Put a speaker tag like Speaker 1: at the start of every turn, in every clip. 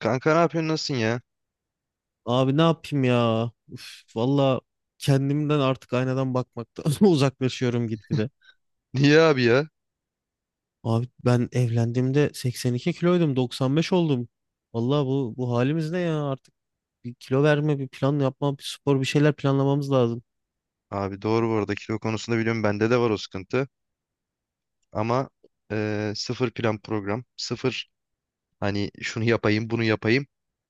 Speaker 1: Kanka ne yapıyorsun nasılsın ya?
Speaker 2: Abi ne yapayım ya? Uf, valla kendimden artık aynadan bakmaktan uzaklaşıyorum gitgide.
Speaker 1: Niye abi ya?
Speaker 2: Abi ben evlendiğimde 82 kiloydum, 95 oldum. Valla bu halimiz ne ya? Artık bir kilo verme, bir plan yapma, bir spor, bir şeyler planlamamız lazım.
Speaker 1: Abi doğru bu arada kilo konusunda biliyorum bende de var o sıkıntı. Ama sıfır plan program. Sıfır hani şunu yapayım bunu yapayım.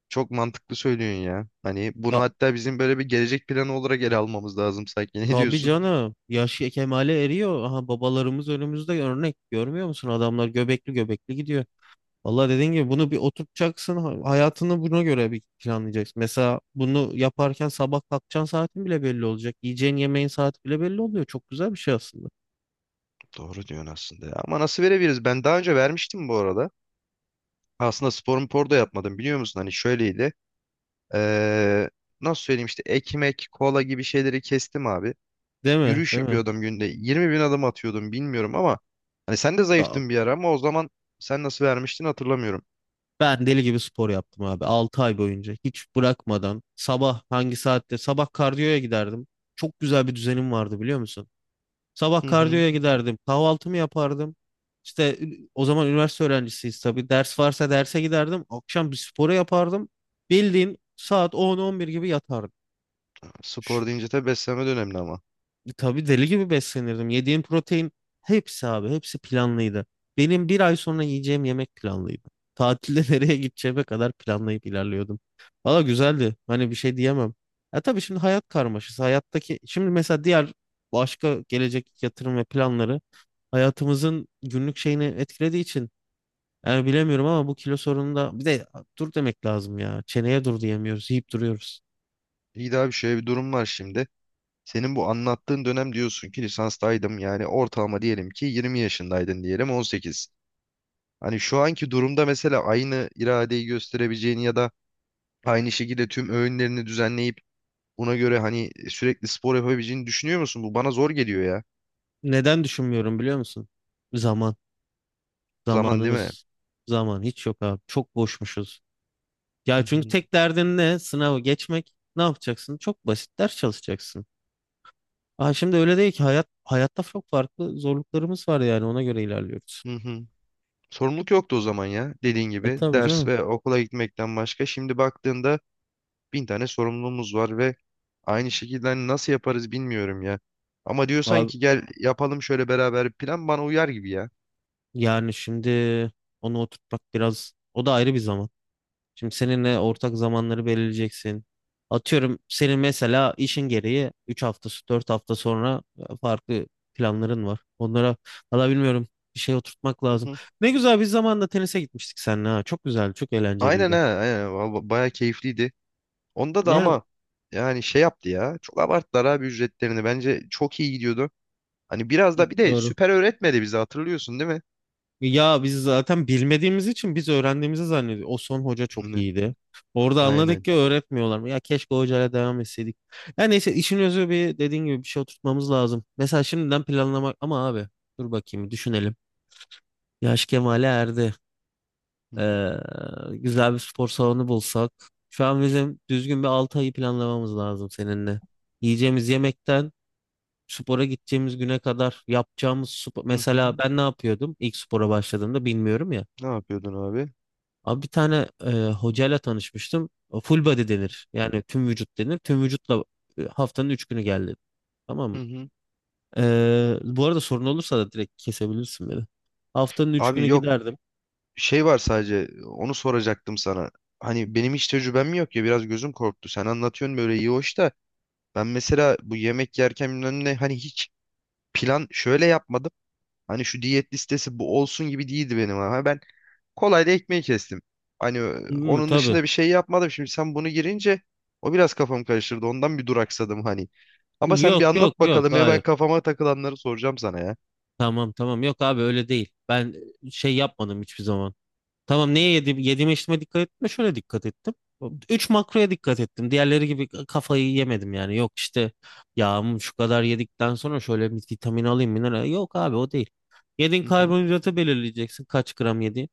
Speaker 1: Çok mantıklı söylüyorsun ya. Hani bunu
Speaker 2: Ta-
Speaker 1: hatta bizim böyle bir gelecek planı olarak ele almamız lazım sanki. Ne
Speaker 2: tabii
Speaker 1: diyorsun?
Speaker 2: canım. Yaş kemale eriyor. Aha babalarımız önümüzde örnek. Görmüyor musun? Adamlar göbekli göbekli gidiyor. Vallahi dediğin gibi bunu bir oturtacaksın. Hayatını buna göre bir planlayacaksın. Mesela bunu yaparken sabah kalkacağın saatin bile belli olacak. Yiyeceğin yemeğin saati bile belli oluyor. Çok güzel bir şey aslında.
Speaker 1: Doğru diyorsun aslında ya. Ama nasıl verebiliriz? Ben daha önce vermiştim bu arada. Aslında spor mpor da yapmadım biliyor musun? Hani şöyleydi. Eee, Nasıl söyleyeyim işte ekmek, kola gibi şeyleri kestim abi.
Speaker 2: Değil mi?
Speaker 1: Yürüyüş
Speaker 2: Değil mi?
Speaker 1: yapıyordum günde. 20 bin adım atıyordum bilmiyorum ama hani sen de
Speaker 2: Ya,
Speaker 1: zayıftın bir ara ama o zaman sen nasıl vermiştin hatırlamıyorum.
Speaker 2: ben deli gibi spor yaptım abi. Altı ay boyunca hiç bırakmadan sabah hangi saatte sabah kardiyoya giderdim. Çok güzel bir düzenim vardı biliyor musun? Sabah
Speaker 1: Hı hı.
Speaker 2: kardiyoya giderdim. Kahvaltımı yapardım. İşte o zaman üniversite öğrencisiyiz tabii. Ders varsa derse giderdim. Akşam bir sporu yapardım. Bildiğin saat 10-11 gibi yatardım. Ş-
Speaker 1: Spor deyince tabii beslenme de önemli ama.
Speaker 2: Tabii deli gibi beslenirdim. Yediğim protein hepsi abi hepsi planlıydı. Benim bir ay sonra yiyeceğim yemek planlıydı. Tatilde nereye gideceğime kadar planlayıp ilerliyordum. Valla güzeldi. Hani bir şey diyemem. Ya tabii şimdi hayat karmaşası. Hayattaki şimdi mesela diğer başka gelecek yatırım ve planları hayatımızın günlük şeyini etkilediği için yani bilemiyorum ama bu kilo sorununda bir de dur demek lazım ya. Çeneye dur diyemiyoruz, yiyip duruyoruz.
Speaker 1: İyi daha bir şöyle bir durum var şimdi. Senin bu anlattığın dönem diyorsun ki lisanstaydım yani ortalama diyelim ki 20 yaşındaydın diyelim 18. Hani şu anki durumda mesela aynı iradeyi gösterebileceğini ya da aynı şekilde tüm öğünlerini düzenleyip buna göre hani sürekli spor yapabileceğini düşünüyor musun? Bu bana zor geliyor ya.
Speaker 2: Neden düşünmüyorum biliyor musun? Zaman,
Speaker 1: Zaman değil mi?
Speaker 2: zamanımız, zaman hiç yok abi. Çok boşmuşuz.
Speaker 1: Hı
Speaker 2: Ya çünkü
Speaker 1: hı.
Speaker 2: tek derdin ne? Sınavı geçmek. Ne yapacaksın? Çok basit ders çalışacaksın. Şimdi öyle değil ki hayat hayatta çok farklı zorluklarımız var yani ona göre ilerliyoruz.
Speaker 1: Hı hı. Sorumluluk yoktu o zaman ya. Dediğin
Speaker 2: E
Speaker 1: gibi
Speaker 2: tabii
Speaker 1: ders
Speaker 2: canım.
Speaker 1: ve okula gitmekten başka. Şimdi baktığında bin tane sorumluluğumuz var ve aynı şekilde hani nasıl yaparız bilmiyorum ya. Ama diyorsan
Speaker 2: Abi
Speaker 1: ki gel yapalım şöyle beraber bir plan bana uyar gibi ya.
Speaker 2: yani şimdi onu oturtmak biraz o da ayrı bir zaman. Şimdi seninle ortak zamanları belirleyeceksin. Atıyorum senin mesela işin gereği 3 hafta, 4 hafta sonra farklı planların var. Onlara valla bilmiyorum bir şey oturtmak
Speaker 1: Hı
Speaker 2: lazım.
Speaker 1: hı.
Speaker 2: Ne güzel biz zamanında tenise gitmiştik seninle ha. Çok güzeldi, çok
Speaker 1: Aynen ha,
Speaker 2: eğlenceliydi.
Speaker 1: aynen. Val- bayağı keyifliydi. Onda da
Speaker 2: Yani
Speaker 1: ama yani şey yaptı ya. Çok abarttılar abi ücretlerini. Bence çok iyi gidiyordu. Hani biraz da bir de
Speaker 2: doğru.
Speaker 1: süper öğretmedi bizi hatırlıyorsun değil mi?
Speaker 2: Ya biz zaten bilmediğimiz için biz öğrendiğimizi zannediyoruz. O son hoca çok
Speaker 1: Hı.
Speaker 2: iyiydi. Orada anladık
Speaker 1: Aynen.
Speaker 2: ki öğretmiyorlar. Ya keşke o hocayla devam etseydik. Ya neyse işin özü bir dediğin gibi bir şey oturtmamız lazım. Mesela şimdiden planlamak ama abi dur bakayım düşünelim. Yaş kemale erdi. Ee, güzel bir spor salonu bulsak. Şu an bizim düzgün bir 6 ayı planlamamız lazım seninle. Yiyeceğimiz yemekten spora gideceğimiz güne kadar yapacağımız spor.
Speaker 1: Hı
Speaker 2: Mesela
Speaker 1: hı.
Speaker 2: ben ne yapıyordum ilk spora başladığımda bilmiyorum ya.
Speaker 1: Ne yapıyordun abi?
Speaker 2: Abi bir tane hocayla tanışmıştım. O Full body denir. Yani tüm vücut denir. Tüm vücutla haftanın 3 günü geldi. Tamam
Speaker 1: Hı
Speaker 2: mı?
Speaker 1: hı.
Speaker 2: Bu arada sorun olursa da direkt kesebilirsin beni. Haftanın 3 günü
Speaker 1: Abi yok,
Speaker 2: giderdim.
Speaker 1: şey var sadece onu soracaktım sana. Hani benim hiç tecrübem yok ya biraz gözüm korktu. Sen anlatıyorsun böyle iyi hoş da ben mesela bu yemek yerken bilmem ne hani hiç plan şöyle yapmadım. Hani şu diyet listesi bu olsun gibi değildi benim ama ben kolayla ekmeği kestim. Hani
Speaker 2: Hı,
Speaker 1: onun
Speaker 2: tabii.
Speaker 1: dışında bir şey yapmadım. Şimdi sen bunu girince o biraz kafamı karıştırdı. Ondan bir duraksadım hani. Ama sen bir
Speaker 2: Yok yok
Speaker 1: anlat
Speaker 2: yok
Speaker 1: bakalım hemen
Speaker 2: hayır.
Speaker 1: kafama takılanları soracağım sana ya.
Speaker 2: Tamam, tamam, yok abi öyle değil. Ben şey yapmadım hiçbir zaman. Tamam neye yedim, yediğime içtiğime dikkat ettim de şöyle dikkat ettim. Üç makroya dikkat ettim. Diğerleri gibi kafayı yemedim yani. Yok işte yağım şu kadar yedikten sonra şöyle bir vitamin alayım mineral. Yok abi o değil. Yediğin
Speaker 1: Hı hı.
Speaker 2: karbonhidratı belirleyeceksin kaç gram yediğin.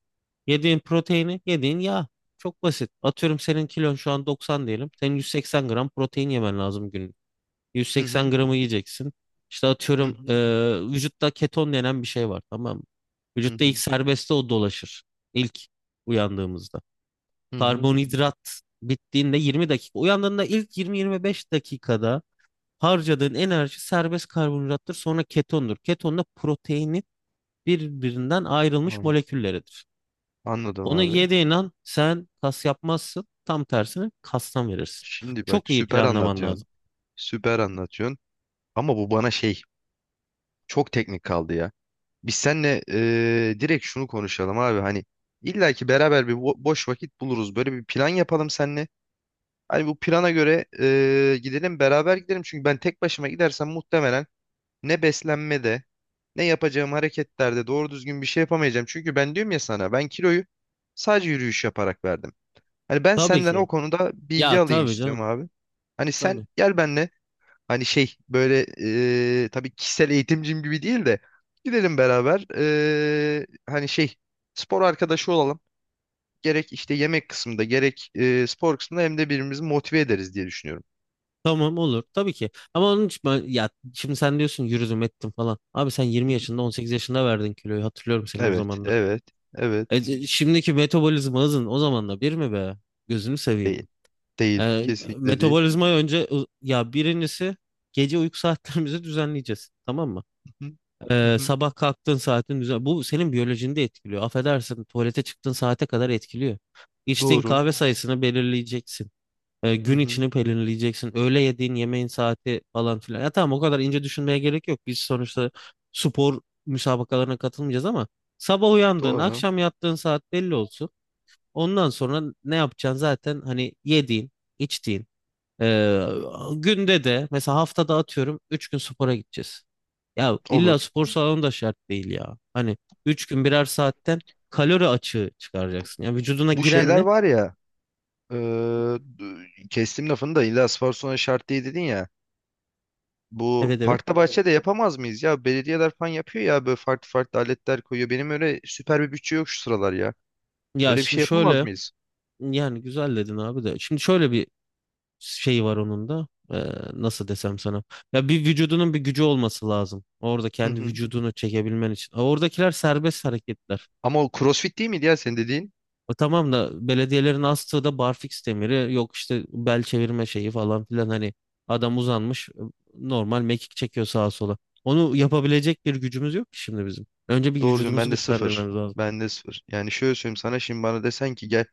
Speaker 2: Yediğin proteini, yediğin yağ. Çok basit. Atıyorum senin kilon şu an 90 diyelim. Senin 180 gram protein yemen lazım
Speaker 1: Hı
Speaker 2: 180
Speaker 1: hı.
Speaker 2: gramı yiyeceksin. İşte
Speaker 1: Hı
Speaker 2: atıyorum
Speaker 1: hı.
Speaker 2: vücutta keton denen bir şey var tamam mı?
Speaker 1: Hı
Speaker 2: Vücutta ilk
Speaker 1: hı.
Speaker 2: serbestte o dolaşır. İlk uyandığımızda.
Speaker 1: Hı hı.
Speaker 2: Karbonhidrat bittiğinde 20 dakika. Uyandığında ilk 20-25 dakikada harcadığın enerji serbest karbonhidrattır. Sonra ketondur. Keton da proteini birbirinden ayrılmış
Speaker 1: Anladım,
Speaker 2: molekülleridir.
Speaker 1: anladım
Speaker 2: Onu
Speaker 1: abi.
Speaker 2: yediğin an sen kas yapmazsın. Tam tersine kastan verirsin.
Speaker 1: Şimdi bak
Speaker 2: Çok iyi
Speaker 1: süper
Speaker 2: planlaman
Speaker 1: anlatıyorsun.
Speaker 2: lazım.
Speaker 1: Süper anlatıyorsun. Ama bu bana şey, çok teknik kaldı ya. Biz seninle direkt şunu konuşalım abi. Hani illa ki beraber bir boş vakit buluruz. Böyle bir plan yapalım seninle. Hani bu plana göre gidelim beraber gidelim. Çünkü ben tek başıma gidersem muhtemelen ne beslenmede ne yapacağım hareketlerde doğru düzgün bir şey yapamayacağım. Çünkü ben diyorum ya sana ben kiloyu sadece yürüyüş yaparak verdim. Hani ben
Speaker 2: Tabii
Speaker 1: senden
Speaker 2: ki.
Speaker 1: o konuda bilgi
Speaker 2: Ya
Speaker 1: alayım
Speaker 2: tabii
Speaker 1: istiyorum
Speaker 2: canım.
Speaker 1: abi. Hani sen
Speaker 2: Tabii.
Speaker 1: gel benle hani şey böyle, tabii kişisel eğitimcim gibi değil de gidelim beraber, hani şey, spor arkadaşı olalım. Gerek işte yemek kısmında gerek spor kısmında hem de birbirimizi motive ederiz diye düşünüyorum.
Speaker 2: Tamam olur tabii ki. Ama onun için ben, ya şimdi sen diyorsun yürüdüm ettim falan. Abi sen
Speaker 1: Hı
Speaker 2: 20
Speaker 1: hı.
Speaker 2: yaşında 18 yaşında verdin kiloyu hatırlıyorum seni o
Speaker 1: Evet,
Speaker 2: zamanları.
Speaker 1: evet, evet.
Speaker 2: Şimdiki metabolizma hızın o zamanla bir mi be? Gözünü seveyim.
Speaker 1: Değil. Değil. Kesinlikle değil.
Speaker 2: Metabolizma önce ya birincisi gece uyku saatlerimizi düzenleyeceğiz. Tamam mı?
Speaker 1: Hı hı. Hı hı.
Speaker 2: Sabah kalktığın saatin düzen bu senin biyolojini de etkiliyor. Affedersin tuvalete çıktığın saate kadar etkiliyor. İçtiğin
Speaker 1: Doğru.
Speaker 2: kahve sayısını belirleyeceksin.
Speaker 1: Hı
Speaker 2: Gün
Speaker 1: hı.
Speaker 2: içini pelerinleyeceksin. Öğle yediğin yemeğin saati falan filan. Ya tamam o kadar ince düşünmeye gerek yok. Biz sonuçta spor müsabakalarına katılmayacağız ama sabah uyandığın,
Speaker 1: Doğru.
Speaker 2: akşam yattığın saat belli olsun. Ondan sonra ne yapacaksın zaten hani yediğin, içtiğin. E, günde de mesela haftada atıyorum 3 gün spora gideceğiz. Ya
Speaker 1: Olur.
Speaker 2: illa spor salonu da şart değil ya. Hani 3 gün birer saatten kalori açığı çıkaracaksın. Ya vücuduna
Speaker 1: Bu
Speaker 2: giren
Speaker 1: şeyler
Speaker 2: ne?
Speaker 1: var ya. Ee, Kestim lafını da illa Sparsun'a şart değil dedin ya. Bu
Speaker 2: Evet, evet.
Speaker 1: parkta, evet, bahçede yapamaz mıyız ya? Belediyeler falan yapıyor ya böyle farklı farklı aletler koyuyor. Benim öyle süper bir bütçe yok şu sıralar ya.
Speaker 2: Ya
Speaker 1: Öyle bir
Speaker 2: şimdi
Speaker 1: şey yapamaz
Speaker 2: şöyle
Speaker 1: mıyız?
Speaker 2: yani güzel dedin abi de. Şimdi şöyle bir şey var onun da. Nasıl desem sana. Ya bir vücudunun bir gücü olması lazım. Orada
Speaker 1: Hı
Speaker 2: kendi
Speaker 1: hı.
Speaker 2: vücudunu çekebilmen için. Ha, oradakiler serbest hareketler.
Speaker 1: Ama o CrossFit değil miydi ya senin dediğin?
Speaker 2: O tamam da belediyelerin astığı da barfiks demiri. Yok işte bel çevirme şeyi falan filan. Hani adam uzanmış normal mekik çekiyor sağa sola. Onu yapabilecek bir gücümüz yok ki şimdi bizim. Önce bir
Speaker 1: Doğru diyorsun,
Speaker 2: vücudumuzu
Speaker 1: ben de
Speaker 2: evet,
Speaker 1: sıfır.
Speaker 2: güçlendirmemiz lazım.
Speaker 1: Ben de sıfır. Yani şöyle söyleyeyim sana, şimdi bana desen ki gel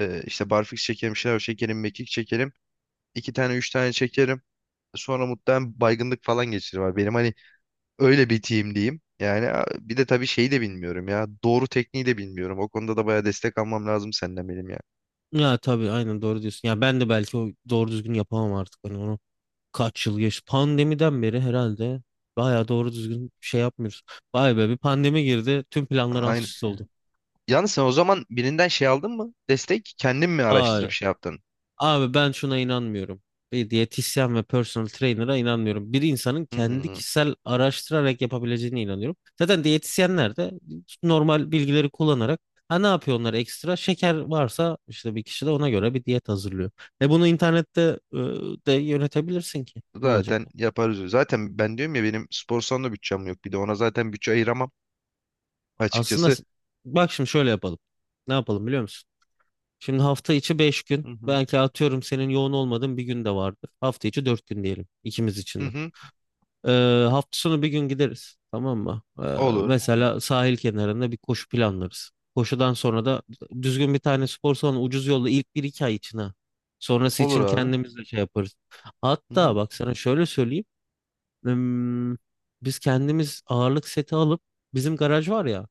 Speaker 1: işte barfiks çekelim, şınav çekelim, mekik çekelim. İki tane üç tane çekerim. Sonra muhtemelen baygınlık falan geçirir. Benim hani öyle bir team diyeyim. Yani bir de tabii şeyi de bilmiyorum ya. Doğru tekniği de bilmiyorum. O konuda da bayağı destek almam lazım senden benim ya.
Speaker 2: Ya tabii aynen doğru diyorsun. Ya ben de belki o doğru düzgün yapamam artık. Hani onu kaç yıl geç pandemiden beri herhalde bayağı doğru düzgün bir şey yapmıyoruz. Vay be bir pandemi girdi tüm planlar alt
Speaker 1: Aynı.
Speaker 2: üst oldu.
Speaker 1: Yalnız sen o zaman birinden şey aldın mı? Destek kendin mi araştırıp
Speaker 2: Hayır.
Speaker 1: şey yaptın?
Speaker 2: Abi ben şuna inanmıyorum. Bir diyetisyen ve personal trainer'a inanmıyorum. Bir insanın kendi
Speaker 1: Hmm.
Speaker 2: kişisel araştırarak yapabileceğine inanıyorum. Zaten diyetisyenler de normal bilgileri kullanarak ha ne yapıyor onlar ekstra? Şeker varsa işte bir kişi de ona göre bir diyet hazırlıyor. E bunu internette de yönetebilirsin ki. Ne olacak?
Speaker 1: Zaten yaparız. Zaten ben diyorum ya benim spor salonu bütçem yok. Bir de ona zaten bütçe ayıramam
Speaker 2: Aslında
Speaker 1: açıkçası.
Speaker 2: bak şimdi şöyle yapalım. Ne yapalım biliyor musun? Şimdi hafta içi 5 gün.
Speaker 1: Hı hı.
Speaker 2: Belki atıyorum senin yoğun olmadığın bir gün de vardır. Hafta içi 4 gün diyelim ikimiz için
Speaker 1: Hı
Speaker 2: de.
Speaker 1: hı.
Speaker 2: Hafta sonu bir gün gideriz. Tamam mı?
Speaker 1: Olur.
Speaker 2: Mesela sahil kenarında bir koşu planlarız. Koşudan sonra da düzgün bir tane spor salonu ucuz yolda ilk bir iki ay için ha. Sonrası
Speaker 1: Olur
Speaker 2: için
Speaker 1: abi.
Speaker 2: kendimiz de şey yaparız.
Speaker 1: Hı
Speaker 2: Hatta
Speaker 1: hı.
Speaker 2: bak sana şöyle söyleyeyim. Hmm, Biz kendimiz ağırlık seti alıp bizim garaj var ya.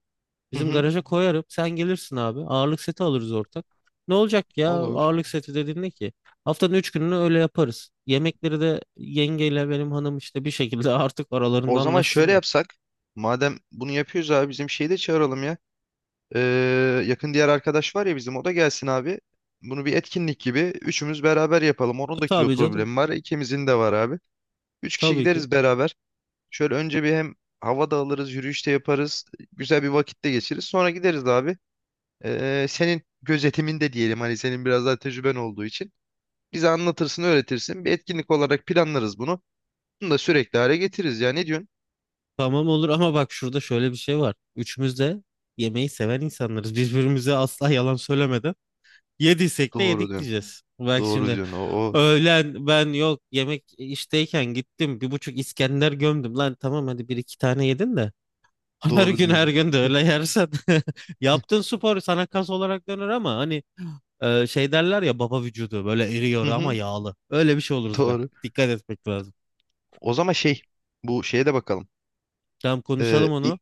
Speaker 1: Hı
Speaker 2: Bizim
Speaker 1: hı.
Speaker 2: garaja koyarım. Sen gelirsin abi. Ağırlık seti alırız ortak. Ne olacak ya
Speaker 1: Olur.
Speaker 2: ağırlık seti dediğin ne ki? Haftanın 3 gününü öyle yaparız. Yemekleri de yengeyle benim hanım işte bir şekilde artık aralarında
Speaker 1: O zaman şöyle
Speaker 2: anlaşsınlar.
Speaker 1: yapsak. Madem bunu yapıyoruz abi bizim şeyi de çağıralım ya. Yakın diğer arkadaş var ya bizim, o da gelsin abi. Bunu bir etkinlik gibi üçümüz beraber yapalım. Onun da kilo
Speaker 2: Tabii canım
Speaker 1: problemi var. İkimizin de var abi. Üç kişi
Speaker 2: tabii ki.
Speaker 1: gideriz beraber. Şöyle önce bir hem hava da alırız, yürüyüş de yaparız. Güzel bir vakitte geçiririz. Sonra gideriz abi. Senin gözetiminde diyelim, hani senin biraz daha tecrüben olduğu için. Bize anlatırsın, öğretirsin. Bir etkinlik olarak planlarız bunu. Bunu da sürekli hale getiririz ya. Ne diyorsun?
Speaker 2: Tamam olur ama bak şurada şöyle bir şey var. Üçümüz de yemeği seven insanlarız. Birbirimize asla yalan söylemeden yediysek de
Speaker 1: Doğru
Speaker 2: yedik
Speaker 1: diyorsun.
Speaker 2: diyeceğiz. Bak
Speaker 1: Doğru
Speaker 2: şimdi
Speaker 1: diyorsun. O, o.
Speaker 2: öğlen ben yok yemek işteyken gittim bir buçuk İskender gömdüm. Lan tamam hadi bir iki tane yedin de her
Speaker 1: Doğru
Speaker 2: gün her
Speaker 1: diyorsun.
Speaker 2: gün de öyle yersen yaptığın spor sana kas olarak döner ama hani şey derler ya baba vücudu böyle
Speaker 1: Hı
Speaker 2: eriyor ama
Speaker 1: hı.
Speaker 2: yağlı. Öyle bir şey oluruz bak.
Speaker 1: Doğru.
Speaker 2: Dikkat etmek lazım.
Speaker 1: O zaman şey, bu şeye de bakalım.
Speaker 2: Tamam
Speaker 1: Ee,
Speaker 2: konuşalım
Speaker 1: i-
Speaker 2: onu.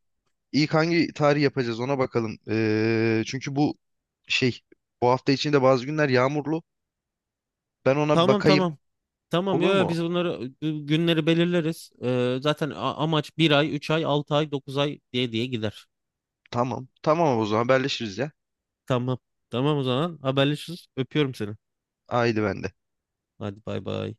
Speaker 1: ilk hangi tarih yapacağız ona bakalım. Çünkü bu şey, bu hafta içinde bazı günler yağmurlu. Ben ona bir
Speaker 2: Tamam
Speaker 1: bakayım.
Speaker 2: tamam. Tamam yo,
Speaker 1: Olur
Speaker 2: yo, biz
Speaker 1: mu?
Speaker 2: bunları bu günleri belirleriz. Zaten amaç bir ay, 3 ay, 6 ay, 9 ay diye diye gider.
Speaker 1: Tamam. Tamam o zaman haberleşiriz ya.
Speaker 2: Tamam. Tamam o zaman haberleşiriz. Öpüyorum seni.
Speaker 1: Haydi ben
Speaker 2: Hadi bay bay.